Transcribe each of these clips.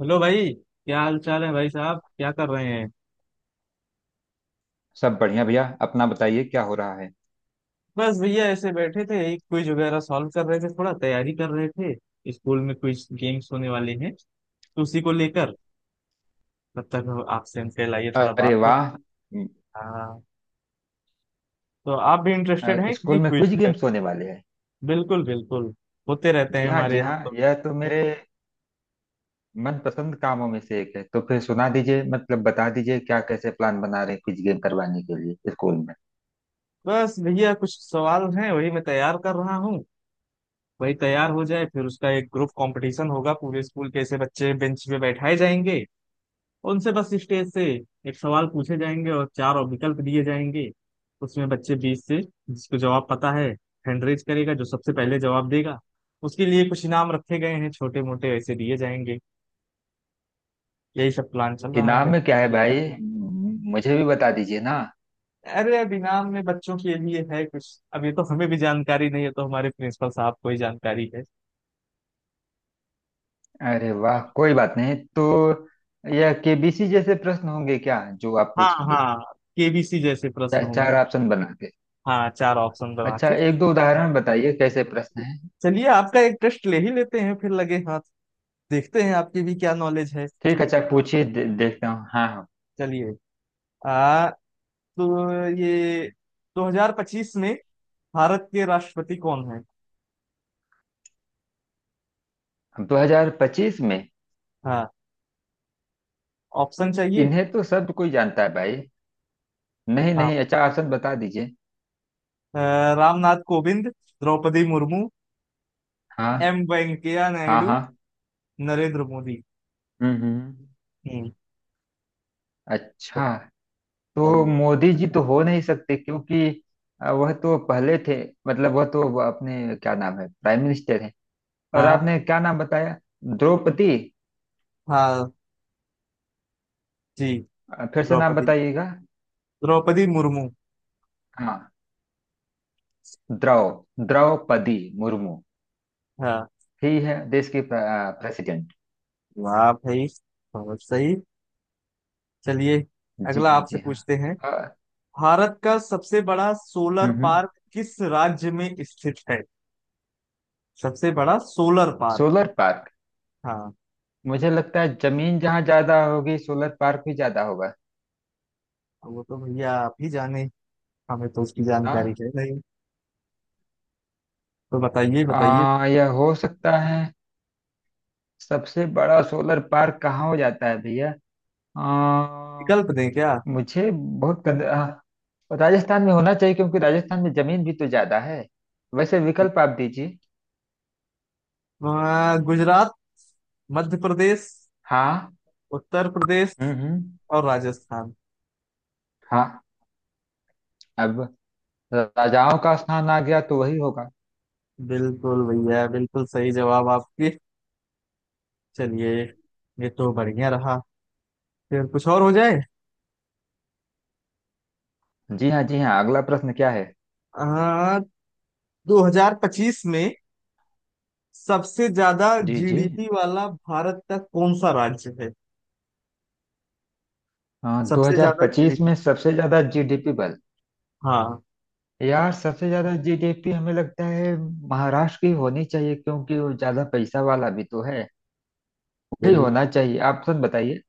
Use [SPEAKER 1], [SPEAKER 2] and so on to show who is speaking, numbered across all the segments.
[SPEAKER 1] Hello भाई। क्या हाल चाल है भाई साहब? क्या कर रहे हैं?
[SPEAKER 2] सब बढ़िया भैया। अपना बताइए, क्या हो रहा है?
[SPEAKER 1] बस भैया ऐसे बैठे थे, एक क्विज वगैरह सॉल्व कर रहे थे, थोड़ा तैयारी कर रहे थे। स्कूल में क्विज गेम्स होने वाले हैं, तो उसी को लेकर तब तक आपसे हम कल आइए थोड़ा बात
[SPEAKER 2] अरे
[SPEAKER 1] हो।
[SPEAKER 2] वाह!
[SPEAKER 1] हाँ। तो आप भी इंटरेस्टेड हैं कि
[SPEAKER 2] स्कूल
[SPEAKER 1] नहीं
[SPEAKER 2] में कुछ
[SPEAKER 1] क्विज में?
[SPEAKER 2] गेम्स होने वाले हैं।
[SPEAKER 1] बिल्कुल बिल्कुल, होते रहते हैं
[SPEAKER 2] जी हाँ,
[SPEAKER 1] हमारे
[SPEAKER 2] जी
[SPEAKER 1] यहाँ
[SPEAKER 2] हाँ,
[SPEAKER 1] तो।
[SPEAKER 2] यह तो मेरे मनपसंद कामों में से एक है। तो फिर सुना दीजिए, मतलब बता दीजिए, क्या कैसे प्लान बना रहे हैं कुछ गेम करवाने के लिए स्कूल में?
[SPEAKER 1] बस भैया कुछ सवाल हैं, वही मैं तैयार कर रहा हूँ। वही तैयार हो जाए, फिर उसका एक ग्रुप कंपटीशन होगा। पूरे स्कूल के ऐसे बच्चे बेंच पे बैठाए जाएंगे, उनसे बस स्टेज से एक सवाल पूछे जाएंगे और चार विकल्प दिए जाएंगे। उसमें बच्चे 20 से जिसको जवाब पता है हैंड रेज करेगा। जो सबसे पहले जवाब देगा उसके लिए कुछ इनाम रखे गए हैं, छोटे मोटे ऐसे दिए जाएंगे। यही सब प्लान चल रहा
[SPEAKER 2] इनाम
[SPEAKER 1] है।
[SPEAKER 2] में क्या है भाई? मुझे भी बता दीजिए ना।
[SPEAKER 1] अरे, अब इनाम में बच्चों के लिए है कुछ। अब ये तो हमें भी जानकारी नहीं है, तो हमारे प्रिंसिपल साहब को ही जानकारी है।
[SPEAKER 2] अरे वाह, कोई बात नहीं। तो यह केबीसी जैसे प्रश्न होंगे क्या, जो आप
[SPEAKER 1] हाँ
[SPEAKER 2] पूछेंगे?
[SPEAKER 1] हाँ, केबीसी जैसे प्रश्न होंगे।
[SPEAKER 2] चार ऑप्शन बना के?
[SPEAKER 1] हाँ, चार ऑप्शन बना
[SPEAKER 2] अच्छा,
[SPEAKER 1] के।
[SPEAKER 2] एक दो उदाहरण बताइए, कैसे प्रश्न है।
[SPEAKER 1] चलिए, आपका एक टेस्ट ले ही लेते हैं फिर लगे हाथ। देखते हैं आपकी भी क्या नॉलेज है।
[SPEAKER 2] ठीक है, अच्छा पूछिए, देखता हूँ। हाँ हाँ।
[SPEAKER 1] चलिए। आ, तो ये 2025 में भारत के राष्ट्रपति कौन है?
[SPEAKER 2] 2025 में?
[SPEAKER 1] हाँ। ऑप्शन चाहिए?
[SPEAKER 2] इन्हें तो सब कोई जानता है भाई। नहीं
[SPEAKER 1] हाँ।
[SPEAKER 2] नहीं, अच्छा ऑप्शन बता दीजिए।
[SPEAKER 1] अ, रामनाथ कोविंद, द्रौपदी मुर्मू,
[SPEAKER 2] हाँ।
[SPEAKER 1] एम वेंकैया
[SPEAKER 2] हाँ
[SPEAKER 1] नायडू,
[SPEAKER 2] हाँ।
[SPEAKER 1] नरेंद्र मोदी।
[SPEAKER 2] हम्म।
[SPEAKER 1] हम्म।
[SPEAKER 2] अच्छा। तो
[SPEAKER 1] चाहिए?
[SPEAKER 2] मोदी जी तो हो नहीं सकते क्योंकि वह तो पहले थे। मतलब वह तो वो अपने क्या नाम है, प्राइम मिनिस्टर हैं। और
[SPEAKER 1] हाँ।
[SPEAKER 2] आपने क्या नाम बताया? द्रौपदी।
[SPEAKER 1] हाँ जी।
[SPEAKER 2] फिर से नाम
[SPEAKER 1] द्रौपदी।
[SPEAKER 2] बताइएगा।
[SPEAKER 1] द्रौपदी मुर्मू।
[SPEAKER 2] हाँ। द्रौ द्रौपदी मुर्मू
[SPEAKER 1] हाँ।
[SPEAKER 2] ही है देश के प्रेसिडेंट।
[SPEAKER 1] वाह भाई, बहुत सही। चलिए,
[SPEAKER 2] जी
[SPEAKER 1] अगला
[SPEAKER 2] हाँ,
[SPEAKER 1] आपसे
[SPEAKER 2] जी
[SPEAKER 1] पूछते हैं।
[SPEAKER 2] हाँ।
[SPEAKER 1] भारत का सबसे बड़ा
[SPEAKER 2] हम्म
[SPEAKER 1] सोलर
[SPEAKER 2] हम्म।
[SPEAKER 1] पार्क किस राज्य में स्थित है? सबसे बड़ा सोलर पार्क।
[SPEAKER 2] Solar park.
[SPEAKER 1] हाँ।
[SPEAKER 2] मुझे लगता है जमीन जहाँ ज्यादा होगी, सोलर पार्क भी ज्यादा होगा।
[SPEAKER 1] वो तो भैया आप ही जाने, हमें तो उसकी
[SPEAKER 2] ना।
[SPEAKER 1] जानकारी है नहीं। तो बताइए बताइए।
[SPEAKER 2] यह हो सकता है। सबसे बड़ा सोलर पार्क कहाँ हो जाता है भैया? आ,
[SPEAKER 1] विकल्प दें क्या?
[SPEAKER 2] मुझे बहुत राजस्थान में होना चाहिए, क्योंकि राजस्थान में जमीन भी तो ज्यादा है। वैसे विकल्प आप दीजिए।
[SPEAKER 1] वहाँ गुजरात, मध्य प्रदेश,
[SPEAKER 2] हाँ।
[SPEAKER 1] उत्तर प्रदेश
[SPEAKER 2] हम्म।
[SPEAKER 1] और राजस्थान।
[SPEAKER 2] हाँ। अब राजाओं का स्थान आ गया, तो वही होगा।
[SPEAKER 1] बिल्कुल भैया, बिल्कुल सही जवाब आपके। चलिए, ये तो बढ़िया रहा। फिर कुछ और हो जाए।
[SPEAKER 2] जी हाँ, जी हाँ। अगला प्रश्न क्या है?
[SPEAKER 1] हाँ, 2025 में सबसे ज्यादा
[SPEAKER 2] जी जी।
[SPEAKER 1] जीडीपी वाला भारत का कौन सा राज्य है?
[SPEAKER 2] हाँ,
[SPEAKER 1] सबसे ज्यादा
[SPEAKER 2] 2025
[SPEAKER 1] जीडीपी।
[SPEAKER 2] में सबसे ज्यादा जीडीपी बल।
[SPEAKER 1] हाँ।
[SPEAKER 2] यार, सबसे ज्यादा जीडीपी हमें लगता है महाराष्ट्र की होनी चाहिए, क्योंकि वो ज्यादा पैसा वाला भी तो है। वही होना चाहिए, आप सब बताइए।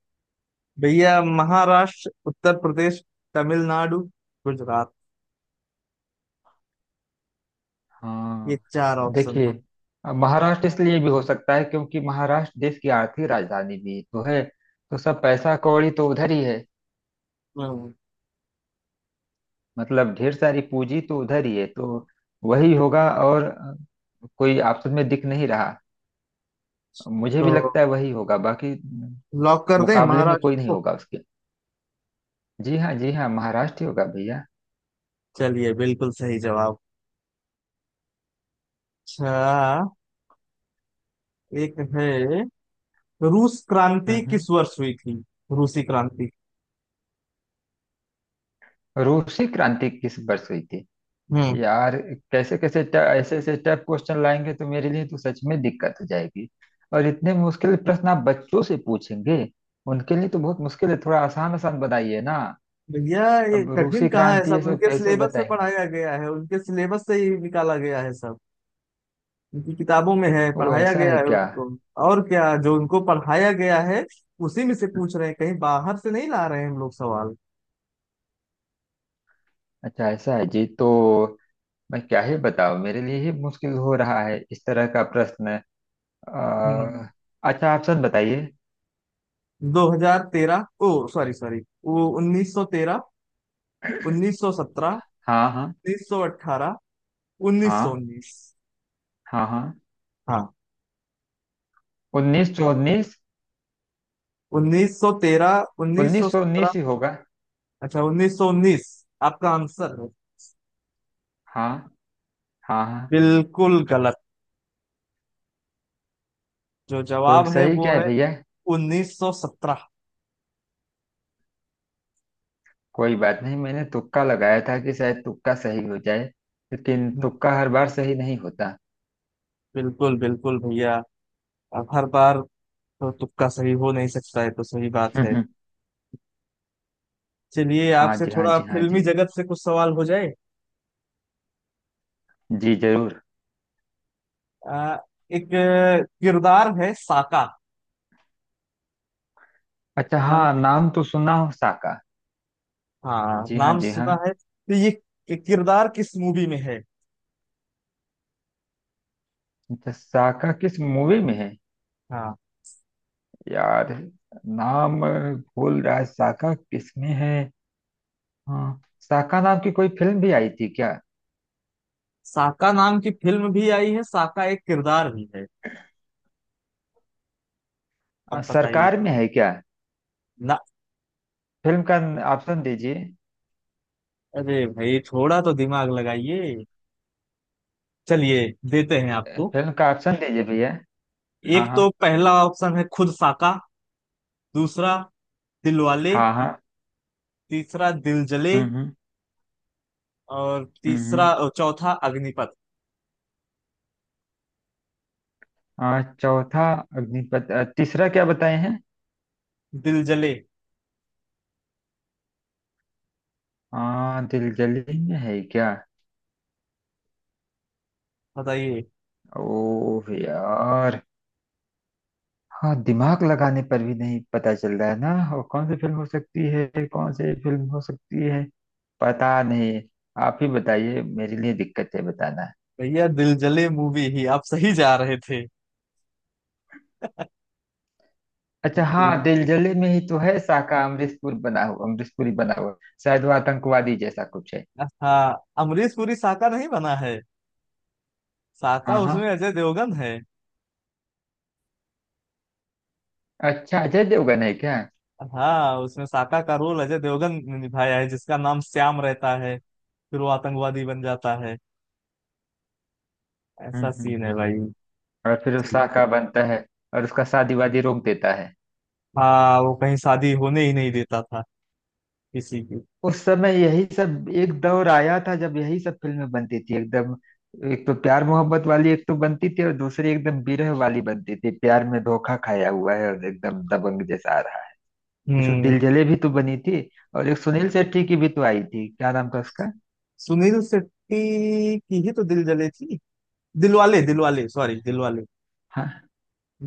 [SPEAKER 1] भैया महाराष्ट्र, उत्तर प्रदेश, तमिलनाडु, गुजरात, ये
[SPEAKER 2] हाँ।
[SPEAKER 1] चार ऑप्शन
[SPEAKER 2] देखिए,
[SPEAKER 1] है।
[SPEAKER 2] अब महाराष्ट्र इसलिए भी हो सकता है क्योंकि महाराष्ट्र देश की आर्थिक राजधानी भी तो है। तो सब पैसा कौड़ी तो उधर ही है।
[SPEAKER 1] हम्म।
[SPEAKER 2] मतलब ढेर सारी पूंजी तो उधर ही है, तो वही होगा। और कोई ऑप्शन में दिख नहीं रहा। मुझे
[SPEAKER 1] तो
[SPEAKER 2] भी लगता है वही होगा, बाकी
[SPEAKER 1] लॉक कर दें
[SPEAKER 2] मुकाबले में
[SPEAKER 1] महाराष्ट्र
[SPEAKER 2] कोई नहीं
[SPEAKER 1] को?
[SPEAKER 2] होगा उसके। जी हाँ, जी हाँ, महाराष्ट्र ही होगा भैया।
[SPEAKER 1] चलिए, बिल्कुल सही जवाब। अच्छा, एक है, रूस क्रांति
[SPEAKER 2] हम्म हम्म।
[SPEAKER 1] किस वर्ष हुई थी? रूसी क्रांति।
[SPEAKER 2] रूसी क्रांति किस वर्ष हुई थी?
[SPEAKER 1] हम्म।
[SPEAKER 2] यार, कैसे कैसे ट- ऐसे ऐसे टफ क्वेश्चन लाएंगे तो मेरे लिए तो सच में दिक्कत हो जाएगी। और इतने मुश्किल प्रश्न आप बच्चों से पूछेंगे? उनके लिए तो बहुत मुश्किल है, थोड़ा आसान आसान बताइए ना।
[SPEAKER 1] भैया, ये
[SPEAKER 2] अब
[SPEAKER 1] कठिन
[SPEAKER 2] रूसी
[SPEAKER 1] कहाँ है?
[SPEAKER 2] क्रांति
[SPEAKER 1] सब
[SPEAKER 2] ये सब
[SPEAKER 1] उनके
[SPEAKER 2] कैसे
[SPEAKER 1] सिलेबस में
[SPEAKER 2] बताएंगे?
[SPEAKER 1] पढ़ाया गया है, उनके सिलेबस से ही निकाला गया है सब। उनकी किताबों में है,
[SPEAKER 2] वो
[SPEAKER 1] पढ़ाया
[SPEAKER 2] ऐसा
[SPEAKER 1] गया
[SPEAKER 2] है
[SPEAKER 1] है
[SPEAKER 2] क्या?
[SPEAKER 1] उनको। और क्या, जो उनको पढ़ाया गया है उसी में से पूछ रहे हैं, कहीं बाहर से नहीं ला रहे हैं हम लोग सवाल।
[SPEAKER 2] अच्छा ऐसा है जी। तो मैं क्या ही बताऊं, मेरे लिए ही मुश्किल हो रहा है इस तरह का प्रश्न।
[SPEAKER 1] हम्म।
[SPEAKER 2] अ, अच्छा, आप सच बताइए।
[SPEAKER 1] 2013, ओ सॉरी सॉरी, वो 1913, 1917,
[SPEAKER 2] हाँ हाँ।
[SPEAKER 1] 1918,
[SPEAKER 2] हाँ।
[SPEAKER 1] 1919।
[SPEAKER 2] हाँ हाँ।
[SPEAKER 1] हाँ।
[SPEAKER 2] 1919।
[SPEAKER 1] 1913,
[SPEAKER 2] उन्नीस सौ
[SPEAKER 1] 1917।
[SPEAKER 2] उन्नीस ही होगा।
[SPEAKER 1] अच्छा, 1919 आपका आंसर है?
[SPEAKER 2] हाँ। हाँ हाँ।
[SPEAKER 1] बिल्कुल गलत। जो
[SPEAKER 2] तो
[SPEAKER 1] जवाब है
[SPEAKER 2] सही
[SPEAKER 1] वो
[SPEAKER 2] क्या है
[SPEAKER 1] है
[SPEAKER 2] भैया?
[SPEAKER 1] 1917।
[SPEAKER 2] कोई बात नहीं, मैंने तुक्का लगाया था कि शायद तुक्का सही हो जाए। लेकिन तुक्का हर बार सही नहीं होता।
[SPEAKER 1] बिल्कुल बिल्कुल भैया, आप हर बार तो तुक्का सही हो नहीं सकता है, तो सही बात है।
[SPEAKER 2] हम्म।
[SPEAKER 1] चलिए,
[SPEAKER 2] हाँ
[SPEAKER 1] आपसे
[SPEAKER 2] जी, हाँ
[SPEAKER 1] थोड़ा
[SPEAKER 2] जी, हाँ जी।
[SPEAKER 1] फिल्मी जगत से कुछ सवाल हो जाए।
[SPEAKER 2] जी जरूर।
[SPEAKER 1] आ, एक किरदार है साका।
[SPEAKER 2] अच्छा हाँ,
[SPEAKER 1] जानते हैं?
[SPEAKER 2] नाम तो सुना हो साका।
[SPEAKER 1] हाँ,
[SPEAKER 2] जी हाँ,
[SPEAKER 1] नाम
[SPEAKER 2] जी हाँ।
[SPEAKER 1] सुना है? तो ये किरदार किस मूवी में है?
[SPEAKER 2] अच्छा, साका किस मूवी में है?
[SPEAKER 1] हाँ।
[SPEAKER 2] यार, नाम भूल रहा है, साका किस में है। हाँ, शाखा नाम की कोई फिल्म भी आई थी क्या?
[SPEAKER 1] साका नाम की फिल्म भी आई है, साका एक किरदार भी है। अब बताइए
[SPEAKER 2] सरकार में है क्या
[SPEAKER 1] ना।
[SPEAKER 2] फिल्म का? ऑप्शन दीजिए।
[SPEAKER 1] अरे भाई, थोड़ा तो दिमाग लगाइए। चलिए, देते हैं आपको।
[SPEAKER 2] फिल्म का ऑप्शन दीजिए भैया। हाँ
[SPEAKER 1] एक तो
[SPEAKER 2] हाँ।
[SPEAKER 1] पहला ऑप्शन है खुद साका। दूसरा दिलवाले।
[SPEAKER 2] हाँ हाँ।
[SPEAKER 1] तीसरा दिल जले।
[SPEAKER 2] हम्म।
[SPEAKER 1] और
[SPEAKER 2] हम्म
[SPEAKER 1] तीसरा
[SPEAKER 2] हम्म।
[SPEAKER 1] और चौथा अग्निपथ।
[SPEAKER 2] चौथा अग्निपथ, तीसरा क्या बताए हैं?
[SPEAKER 1] दिल जले।
[SPEAKER 2] दिलजली में है क्या?
[SPEAKER 1] बताइए।
[SPEAKER 2] ओह यार। हाँ, दिमाग लगाने पर भी नहीं पता चल रहा है ना। और कौन सी फिल्म हो सकती है, कौन सी फिल्म हो सकती है? पता नहीं। आप ही बताइए, मेरे लिए दिक्कत है बताना।
[SPEAKER 1] भैया, दिल जले मूवी ही आप सही जा रहे थे।
[SPEAKER 2] अच्छा हाँ,
[SPEAKER 1] दिल,
[SPEAKER 2] दिलजले में ही तो है साका। अमरीशपुरी बना हुआ। शायद वो आतंकवादी जैसा कुछ है।
[SPEAKER 1] हाँ, अमरीश पुरी साका नहीं बना है। साका
[SPEAKER 2] हाँ हाँ।
[SPEAKER 1] उसमें अजय देवगन है।
[SPEAKER 2] अच्छा, अजय देवगन है क्या?
[SPEAKER 1] हाँ, उसमें साका का रोल अजय देवगन ने निभाया है, जिसका नाम श्याम रहता है। फिर वो आतंकवादी बन जाता है। ऐसा
[SPEAKER 2] हम्म।
[SPEAKER 1] सीन है भाई।
[SPEAKER 2] और फिर वो
[SPEAKER 1] चलिए।
[SPEAKER 2] साका बनता है, और उसका शादी वादी रोक देता है।
[SPEAKER 1] हाँ, वो कहीं शादी होने ही नहीं देता था, किसी की।
[SPEAKER 2] उस समय यही सब एक दौर आया था, जब यही सब फिल्में बनती थी एकदम। एक तो प्यार मोहब्बत वाली एक तो बनती थी, और दूसरी एकदम बिरह वाली बनती थी, प्यार में धोखा खाया हुआ है और एकदम दबंग जैसा आ रहा है। जैसे
[SPEAKER 1] हम्म।
[SPEAKER 2] दिलजले भी तो बनी थी। और एक सुनील शेट्टी की भी तो आई थी, क्या नाम था उसका?
[SPEAKER 1] सुनील शेट्टी की ही तो दिल जले थी। दिलवाले दिलवाले सॉरी दिलवाले।
[SPEAKER 2] हाँ।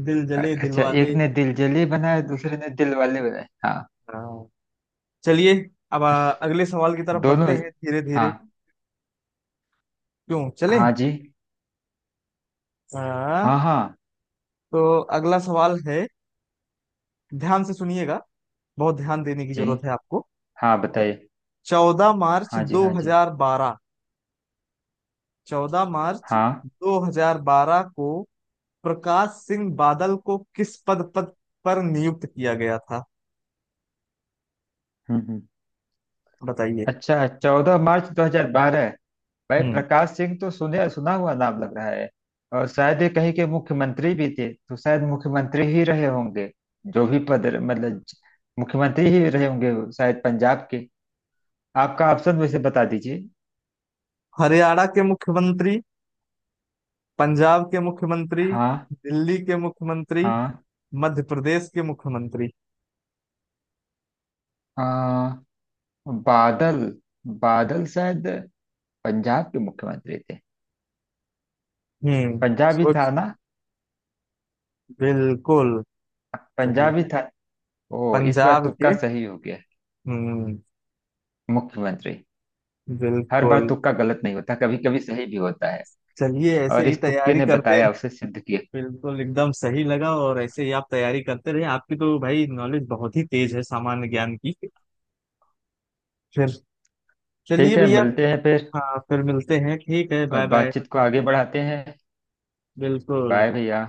[SPEAKER 1] दिल जले, दिल
[SPEAKER 2] अच्छा,
[SPEAKER 1] वाले।
[SPEAKER 2] एक ने दिल जले बनाए, दूसरे ने दिल वाले बनाए। हाँ।
[SPEAKER 1] हाँ। चलिए, अब अगले सवाल की तरफ बढ़ते
[SPEAKER 2] दोनों।
[SPEAKER 1] हैं धीरे
[SPEAKER 2] हाँ
[SPEAKER 1] धीरे। क्यों चलें?
[SPEAKER 2] हाँ। जी
[SPEAKER 1] हाँ,
[SPEAKER 2] हाँ। हाँ
[SPEAKER 1] तो अगला सवाल है, ध्यान से सुनिएगा, बहुत ध्यान देने की
[SPEAKER 2] जी
[SPEAKER 1] जरूरत है आपको।
[SPEAKER 2] हाँ। बताइए।
[SPEAKER 1] चौदह मार्च
[SPEAKER 2] हाँ जी,
[SPEAKER 1] दो
[SPEAKER 2] हाँ जी,
[SPEAKER 1] हजार बारह चौदह मार्च
[SPEAKER 2] हाँ।
[SPEAKER 1] दो हजार बारह को प्रकाश सिंह बादल को किस पद पद पर नियुक्त किया गया था?
[SPEAKER 2] हम्म।
[SPEAKER 1] बताइए।
[SPEAKER 2] अच्छा, 14 मार्च 2012। भाई
[SPEAKER 1] हम्म।
[SPEAKER 2] प्रकाश सिंह तो सुने सुना हुआ नाम लग रहा है। और शायद ये कहीं के मुख्यमंत्री भी थे, तो शायद मुख्यमंत्री ही रहे होंगे। जो भी पद, मतलब मुख्यमंत्री ही रहे होंगे, शायद पंजाब के। आपका ऑप्शन वैसे बता दीजिए।
[SPEAKER 1] हरियाणा के मुख्यमंत्री, पंजाब के मुख्यमंत्री,
[SPEAKER 2] हाँ।
[SPEAKER 1] दिल्ली के मुख्यमंत्री,
[SPEAKER 2] हाँ।
[SPEAKER 1] मध्य प्रदेश के मुख्यमंत्री।
[SPEAKER 2] हाँ। बादल, बादल शायद पंजाब के मुख्यमंत्री थे।
[SPEAKER 1] हम्म।
[SPEAKER 2] पंजाबी था
[SPEAKER 1] सोच।
[SPEAKER 2] ना।
[SPEAKER 1] बिल्कुल सही,
[SPEAKER 2] पंजाबी था। ओ, इस बार
[SPEAKER 1] पंजाब
[SPEAKER 2] तुक्का
[SPEAKER 1] के।
[SPEAKER 2] सही हो गया।
[SPEAKER 1] हम्म।
[SPEAKER 2] मुख्यमंत्री। हर बार
[SPEAKER 1] बिल्कुल।
[SPEAKER 2] तुक्का गलत नहीं होता, कभी कभी सही भी होता है।
[SPEAKER 1] चलिए, ऐसे
[SPEAKER 2] और
[SPEAKER 1] ही
[SPEAKER 2] इस तुक्के
[SPEAKER 1] तैयारी
[SPEAKER 2] ने
[SPEAKER 1] करते
[SPEAKER 2] बताया,
[SPEAKER 1] रह-
[SPEAKER 2] उसे सिद्ध किया।
[SPEAKER 1] बिल्कुल एकदम सही लगा, और ऐसे ही आप तैयारी करते रहे, आपकी तो भाई नॉलेज बहुत ही तेज है सामान्य ज्ञान की। फिर चलिए
[SPEAKER 2] ठीक है,
[SPEAKER 1] भैया।
[SPEAKER 2] मिलते हैं फिर।
[SPEAKER 1] हाँ, फिर मिलते हैं। ठीक है,
[SPEAKER 2] और
[SPEAKER 1] बाय बाय।
[SPEAKER 2] बातचीत को आगे बढ़ाते हैं।
[SPEAKER 1] बिल्कुल।
[SPEAKER 2] बाय भैया।